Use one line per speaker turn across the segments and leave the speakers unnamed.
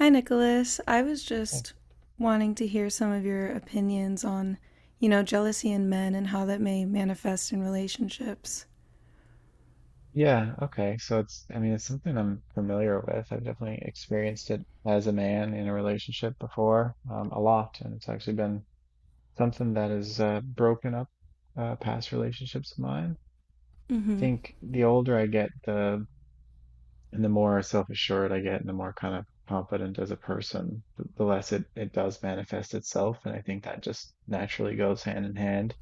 Hi, Nicholas. I was
Okay.
just wanting to hear some of your opinions on, jealousy in men and how that may manifest in relationships.
Yeah, okay. So it's something I'm familiar with. I've definitely experienced it as a man in a relationship before, a lot, and it's actually been something that has broken up past relationships of mine. I
Mm-hmm.
think the older I get, the more self-assured I get and the more kind of confident as a person, the less it does manifest itself. And I think that just naturally goes hand in hand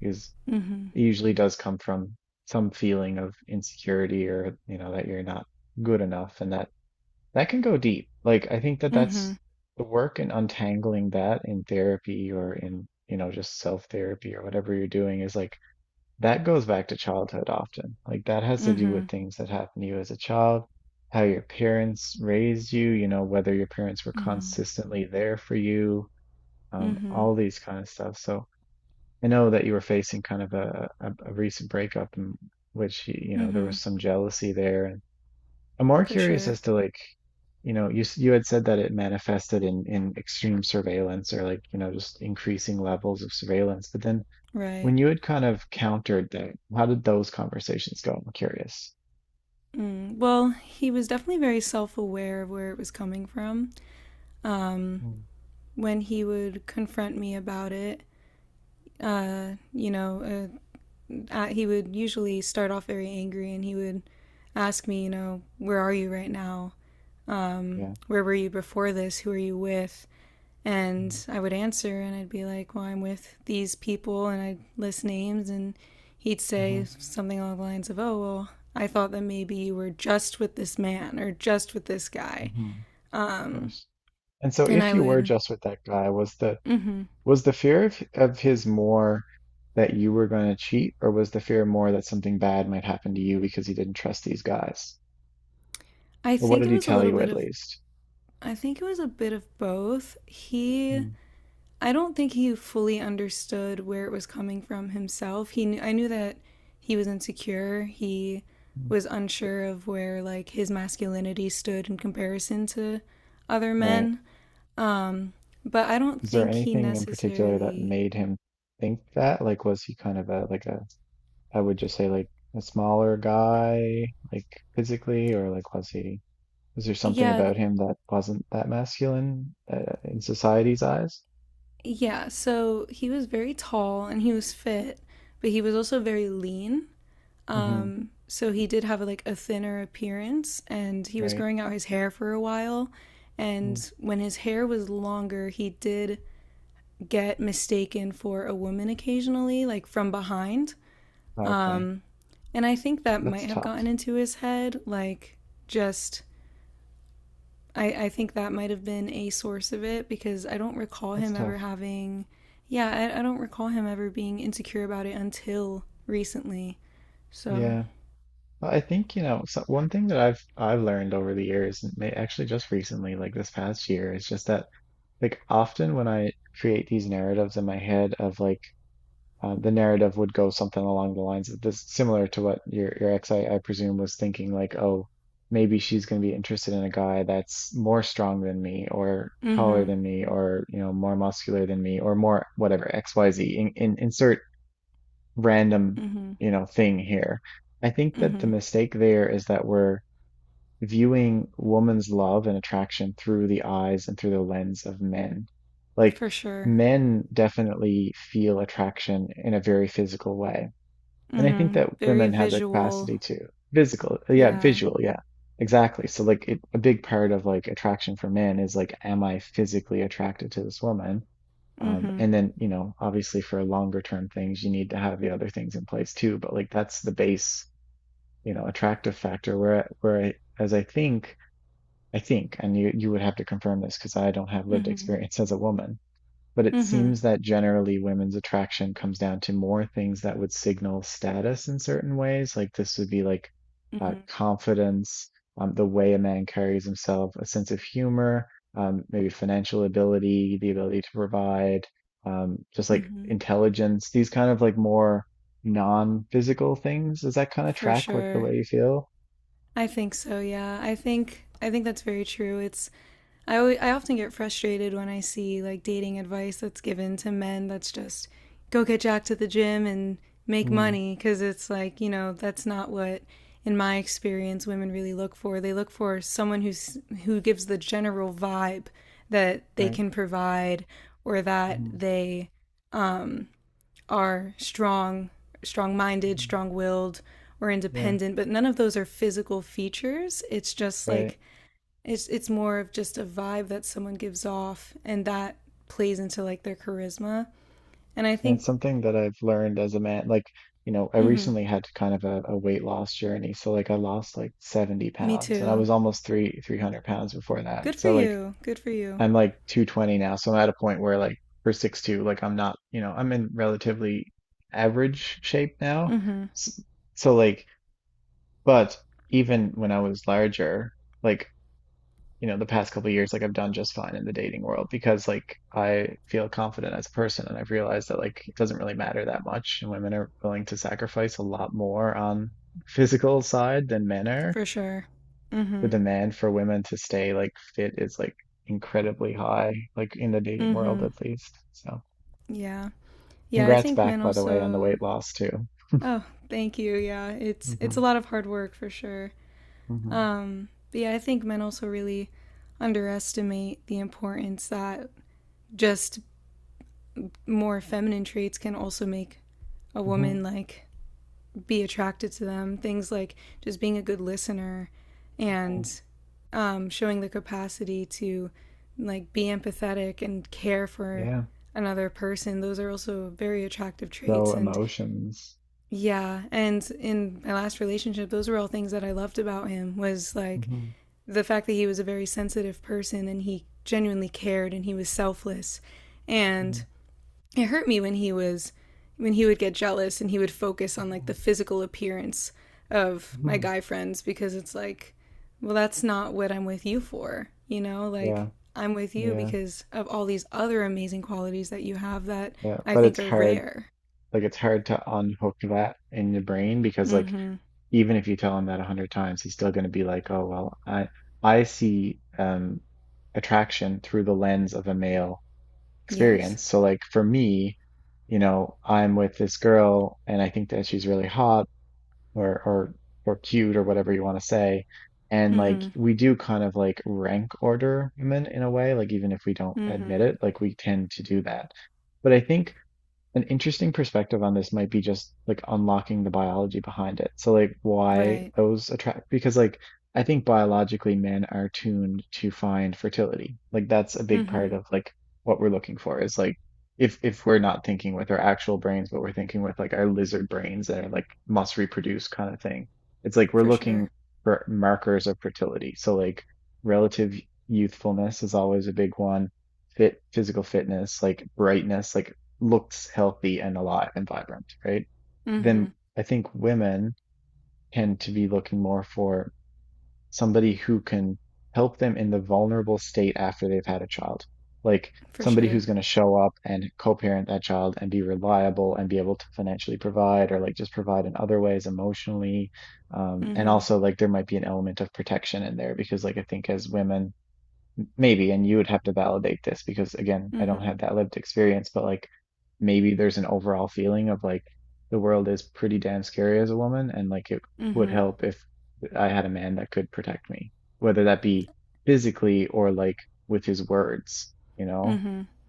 because
Mm-hmm.
it usually does come from some feeling of insecurity or, you know, that you're not good enough. And that can go deep. Like, I think that
Mm-hmm.
that's the work in untangling that in therapy or in, you know, just self-therapy or whatever you're doing is like, that goes back to childhood often. Like that has to do
Mm-hmm.
with things that happened to you as a child, how your parents raised you, you know, whether your parents were
Mm-hmm.
consistently there for you,
Mm-hmm.
all these kind of stuff. So I know that you were facing kind of a recent breakup in which, you know, there
Mm-hmm.
was some jealousy there. And I'm more
For
curious
sure.
as to like, you know, you had said that it manifested in extreme surveillance or like, you know, just increasing levels of surveillance, but then
Right.
when you had kind of countered that, how did those conversations go? I'm curious.
Mm. Well, he was definitely very self-aware of where it was coming from. Um,
Mm,
when he would confront me about it, you know, he would usually start off very angry and he would ask me, you know, where are you right now?
yeah,
Where were you before this? Who are you with? And
mm,
I would answer and I'd be like, well, I'm with these people and I'd list names and he'd
hmm,
say something along the lines of, oh, well, I thought that maybe you were just with this man or just with this guy.
hmm. Of
Um,
course. And so
and
if
I
you were
would,
just with that guy, was the
mm
was the fear of his more that you were going to cheat, or was the fear more that something bad might happen to you because he didn't trust these guys?
I
Or what
think
did
it
he
was a
tell
little
you
bit
at
of,
least?
I think it was a bit of both. He
Mm,
I don't think he fully understood where it was coming from himself. He knew, I knew that he was insecure. He
mm.
was unsure of where like his masculinity stood in comparison to other
Right?
men. Um, but I don't
Is there
think he
anything in particular that
necessarily.
made him think that? Like, was he kind of a like a, I would just say like a smaller guy, like physically, or like was there something
Yeah,
about him that wasn't that masculine in society's eyes?
yeah. So he was very tall and he was fit, but he was also very lean.
Mm-hmm.
So he did have a, like a thinner appearance, and he was
Right.
growing out his hair for a while.
Mm.
And when his hair was longer, he did get mistaken for a woman occasionally, like from behind.
Okay.
Um, and I think that
That's
might have gotten
tough.
into his head, like just I think that might have been a source of it because I don't recall
That's
him ever
tough.
having, yeah, I don't recall him ever being insecure about it until recently. So,
Yeah. But I think, you know, so one thing that I've learned over the years, and may, actually just recently, like this past year, is just that like often when I create these narratives in my head of like the narrative would go something along the lines of this, similar to what your ex, I presume, was thinking, like, oh, maybe she's going to be interested in a guy that's more strong than me, or
mm hmm,
taller than me, or you know, more muscular than me, or more whatever X, Y, Z. Insert random,
mm hmm,
you know, thing here. I think
mm
that the
hmm.
mistake there is that we're viewing woman's love and attraction through the eyes and through the lens of men. Like
For sure.
men definitely feel attraction in a very physical way. And I think
Mm-hmm.
that
Very
women have the
visual.
capacity to physical, yeah,
Yeah.
visual, yeah, exactly. So like it, a big part of like attraction for men is like, am I physically attracted to this woman?
Mm-hmm.
And then, you know, obviously for longer term things, you need to have the other things in place too. But like that's the base, you know, attractive factor where, as I think, and you would have to confirm this because I don't have lived
Mm-hmm.
experience as a woman, but it
Mm-hmm.
seems that generally women's attraction comes down to more things that would signal status in certain ways. Like this would be like
Mm-hmm.
confidence, the way a man carries himself, a sense of humor, maybe financial ability, the ability to provide, just like
Mm-hmm.
intelligence, these kind of like more non-physical things. Does that kind of
For
track with the
sure.
way you feel?
I think so, yeah. I think that's very true. I often get frustrated when I see like dating advice that's given to men that's just go get jacked at the gym and make
Mm,
money because it's like, you know, that's not what in my experience women really look for. They look for someone who's who gives the general vibe that they
right.
can provide or that
Hmm,
they are strong, strong-minded,
hmm.
strong-willed or
Yeah.
independent, but none of those are physical features. It's just
Right.
like it's more of just a vibe that someone gives off, and that plays into like their charisma. And I
And it's
think,
something that I've learned as a man. Like, you know, I
mm-hmm,
recently had kind of a weight loss journey. So like I lost like 70
me
pounds and I
too.
was almost three 300 pounds before that.
Good for
So like
you. Good for you.
I'm like 220 now. So I'm at a point where like for 6'2", like I'm not, you know, I'm in relatively average shape now.
Mm-hmm.
S- So like, but even when I was larger, like you know the past couple of years like I've done just fine in the dating world because like I feel confident as a person and I've realized that like it doesn't really matter that much and women are willing to sacrifice a lot more on physical side than men are.
For sure.
The
Mm-hmm.
demand for women to stay like fit is like incredibly high like in the dating world
Mm-hmm.
at least. So
Yeah. Yeah. I
congrats
think
back
men
by the way on the
also.
weight loss too.
Oh, thank you. Yeah.
Hmm,
It's a lot of hard work for sure.
hmm,
But yeah, I think men also really underestimate the importance that just more feminine traits can also make a woman like be attracted to them. Things like just being a good listener
hmm.
and showing the capacity to like be empathetic and care for
Yeah.
another person. Those are also very attractive
So
traits. And
emotions.
yeah, and in my last relationship, those were all things that I loved about him was like
Hmm,
the fact that he was a very sensitive person and he genuinely cared and he was selfless.
hmm,
And it hurt me when he would get jealous and he would focus on like the physical appearance of my
hmm.
guy friends because it's like, well, that's not what I'm with you for, you know,
Yeah.
like I'm with you
Yeah.
because of all these other amazing qualities that you have that
Yeah,
I
but it's
think are
hard.
rare.
Like it's hard to unhook that in the brain because like
Mhm.
even if you tell him that 100 times, he's still going to be like, "Oh well, I see attraction through the lens of a male
Yes.
experience." So like for me, you know, I'm with this girl and I think that she's really hot or or cute or whatever you want to say. And like
Mhm.
we do kind of like rank order women in a way, like even if we don't admit
Mhm.
it, like we tend to do that. But I think an interesting perspective on this might be just like unlocking the biology behind it. So like why
Right.
those attract because like I think biologically men are tuned to find fertility. Like that's a big part
Mhm.
of like what we're looking for is like if we're not thinking with our actual brains, but we're thinking with like our lizard brains that are like must reproduce kind of thing. It's like we're
For
looking
sure.
for markers of fertility. So like relative youthfulness is always a big one, fit physical fitness, like brightness, like looks healthy and alive and vibrant, right? Then
Mhm.
I think women tend to be looking more for somebody who can help them in the vulnerable state after they've had a child. Like
For
somebody
sure.
who's going to show up and co-parent that child and be reliable and be able to financially provide or like just provide in other ways emotionally. And
Mhm.
also like there might be an element of protection in there because like I think as women, maybe, and you would have to validate this because again, I don't
Mhm.
have that lived experience, but like maybe there's an overall feeling of like the world is pretty damn scary as a woman, and like it would
Mhm.
help if I had a man that could protect me, whether that be physically or like with his words, you know,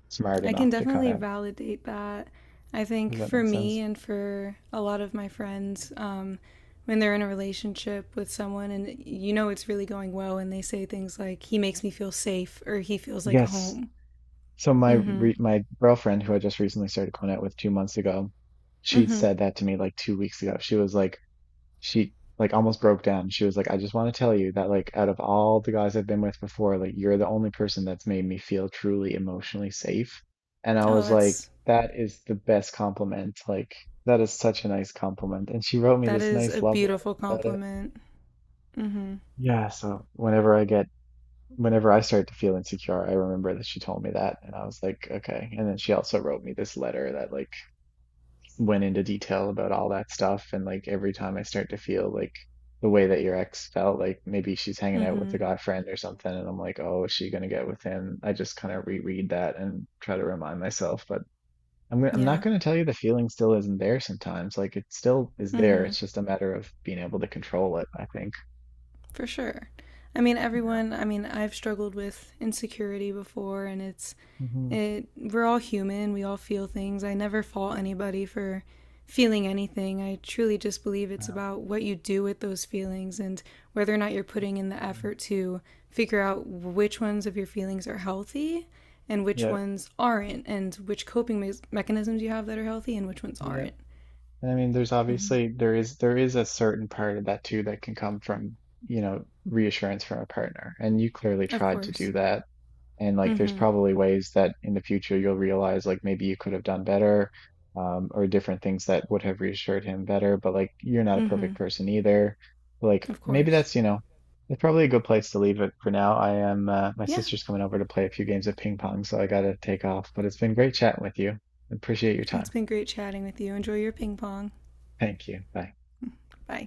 smart
I can
enough to kind
definitely
of,
validate that. I
does
think
that
for
make sense?
me and for a lot of my friends, when they're in a relationship with someone and you know it's really going well, and they say things like, he makes me feel safe or he feels like
Yes.
home.
So
Mm hmm.
my girlfriend, who I just recently started going out with 2 months ago,
Mm
she
hmm.
said that to me like 2 weeks ago. She was like, she like almost broke down. She was like, I just want to tell you that like out of all the guys I've been with before, like you're the only person that's made me feel truly emotionally safe. And I
Oh,
was like,
that's,
that is the best compliment. Like that is such a nice compliment. And she wrote me
that
this
is
nice
a
love letter
beautiful
about it.
compliment. Mm hmm.
Yeah, so whenever I start to feel insecure, I remember that she told me that and I was like, okay. And then she also wrote me this letter that like went into detail about all that stuff. And like every time I start to feel like the way that your ex felt, like maybe she's hanging
Mm
out with
hmm.
a guy friend or something, and I'm like, oh, is she gonna get with him? I just kind of reread that and try to remind myself. But I'm not
Yeah.
gonna tell you the feeling still isn't there sometimes. Like it still is
Mm
there.
hmm.
It's just a matter of being able to control it, I think.
For sure. I mean,
Yeah.
everyone, I mean, I've struggled with insecurity before, and it's
Hmm.
It we're all human, we all feel things. I never fault anybody for feeling anything. I truly just believe
Yeah.
it's about what you do with those feelings and whether or not you're putting in the
Absolutely.
effort to figure out which ones of your feelings are healthy and which
Yeah.
ones aren't and which coping me- mechanisms you have that are healthy and which ones
Yeah.
aren't.
And I mean, there's
Mm-hmm.
obviously there is a certain part of that too that can come from, you know, reassurance from a partner. And you clearly
Of
tried to
course.
do that. And
Mm.
like there's
Mhm.
probably ways that in the future you'll realize like maybe you could have done better, or different things that would have reassured him better, but like you're not a
Mm.
perfect
Mhm.
person either. Like
Of
maybe
course.
that's, you know, it's probably a good place to leave it for now. I am my
Yeah.
sister's coming over to play a few games of ping pong, so I gotta take off. But it's been great chatting with you. Appreciate your
It's
time.
been great chatting with you. Enjoy your ping pong.
Thank you. Bye.
Bye.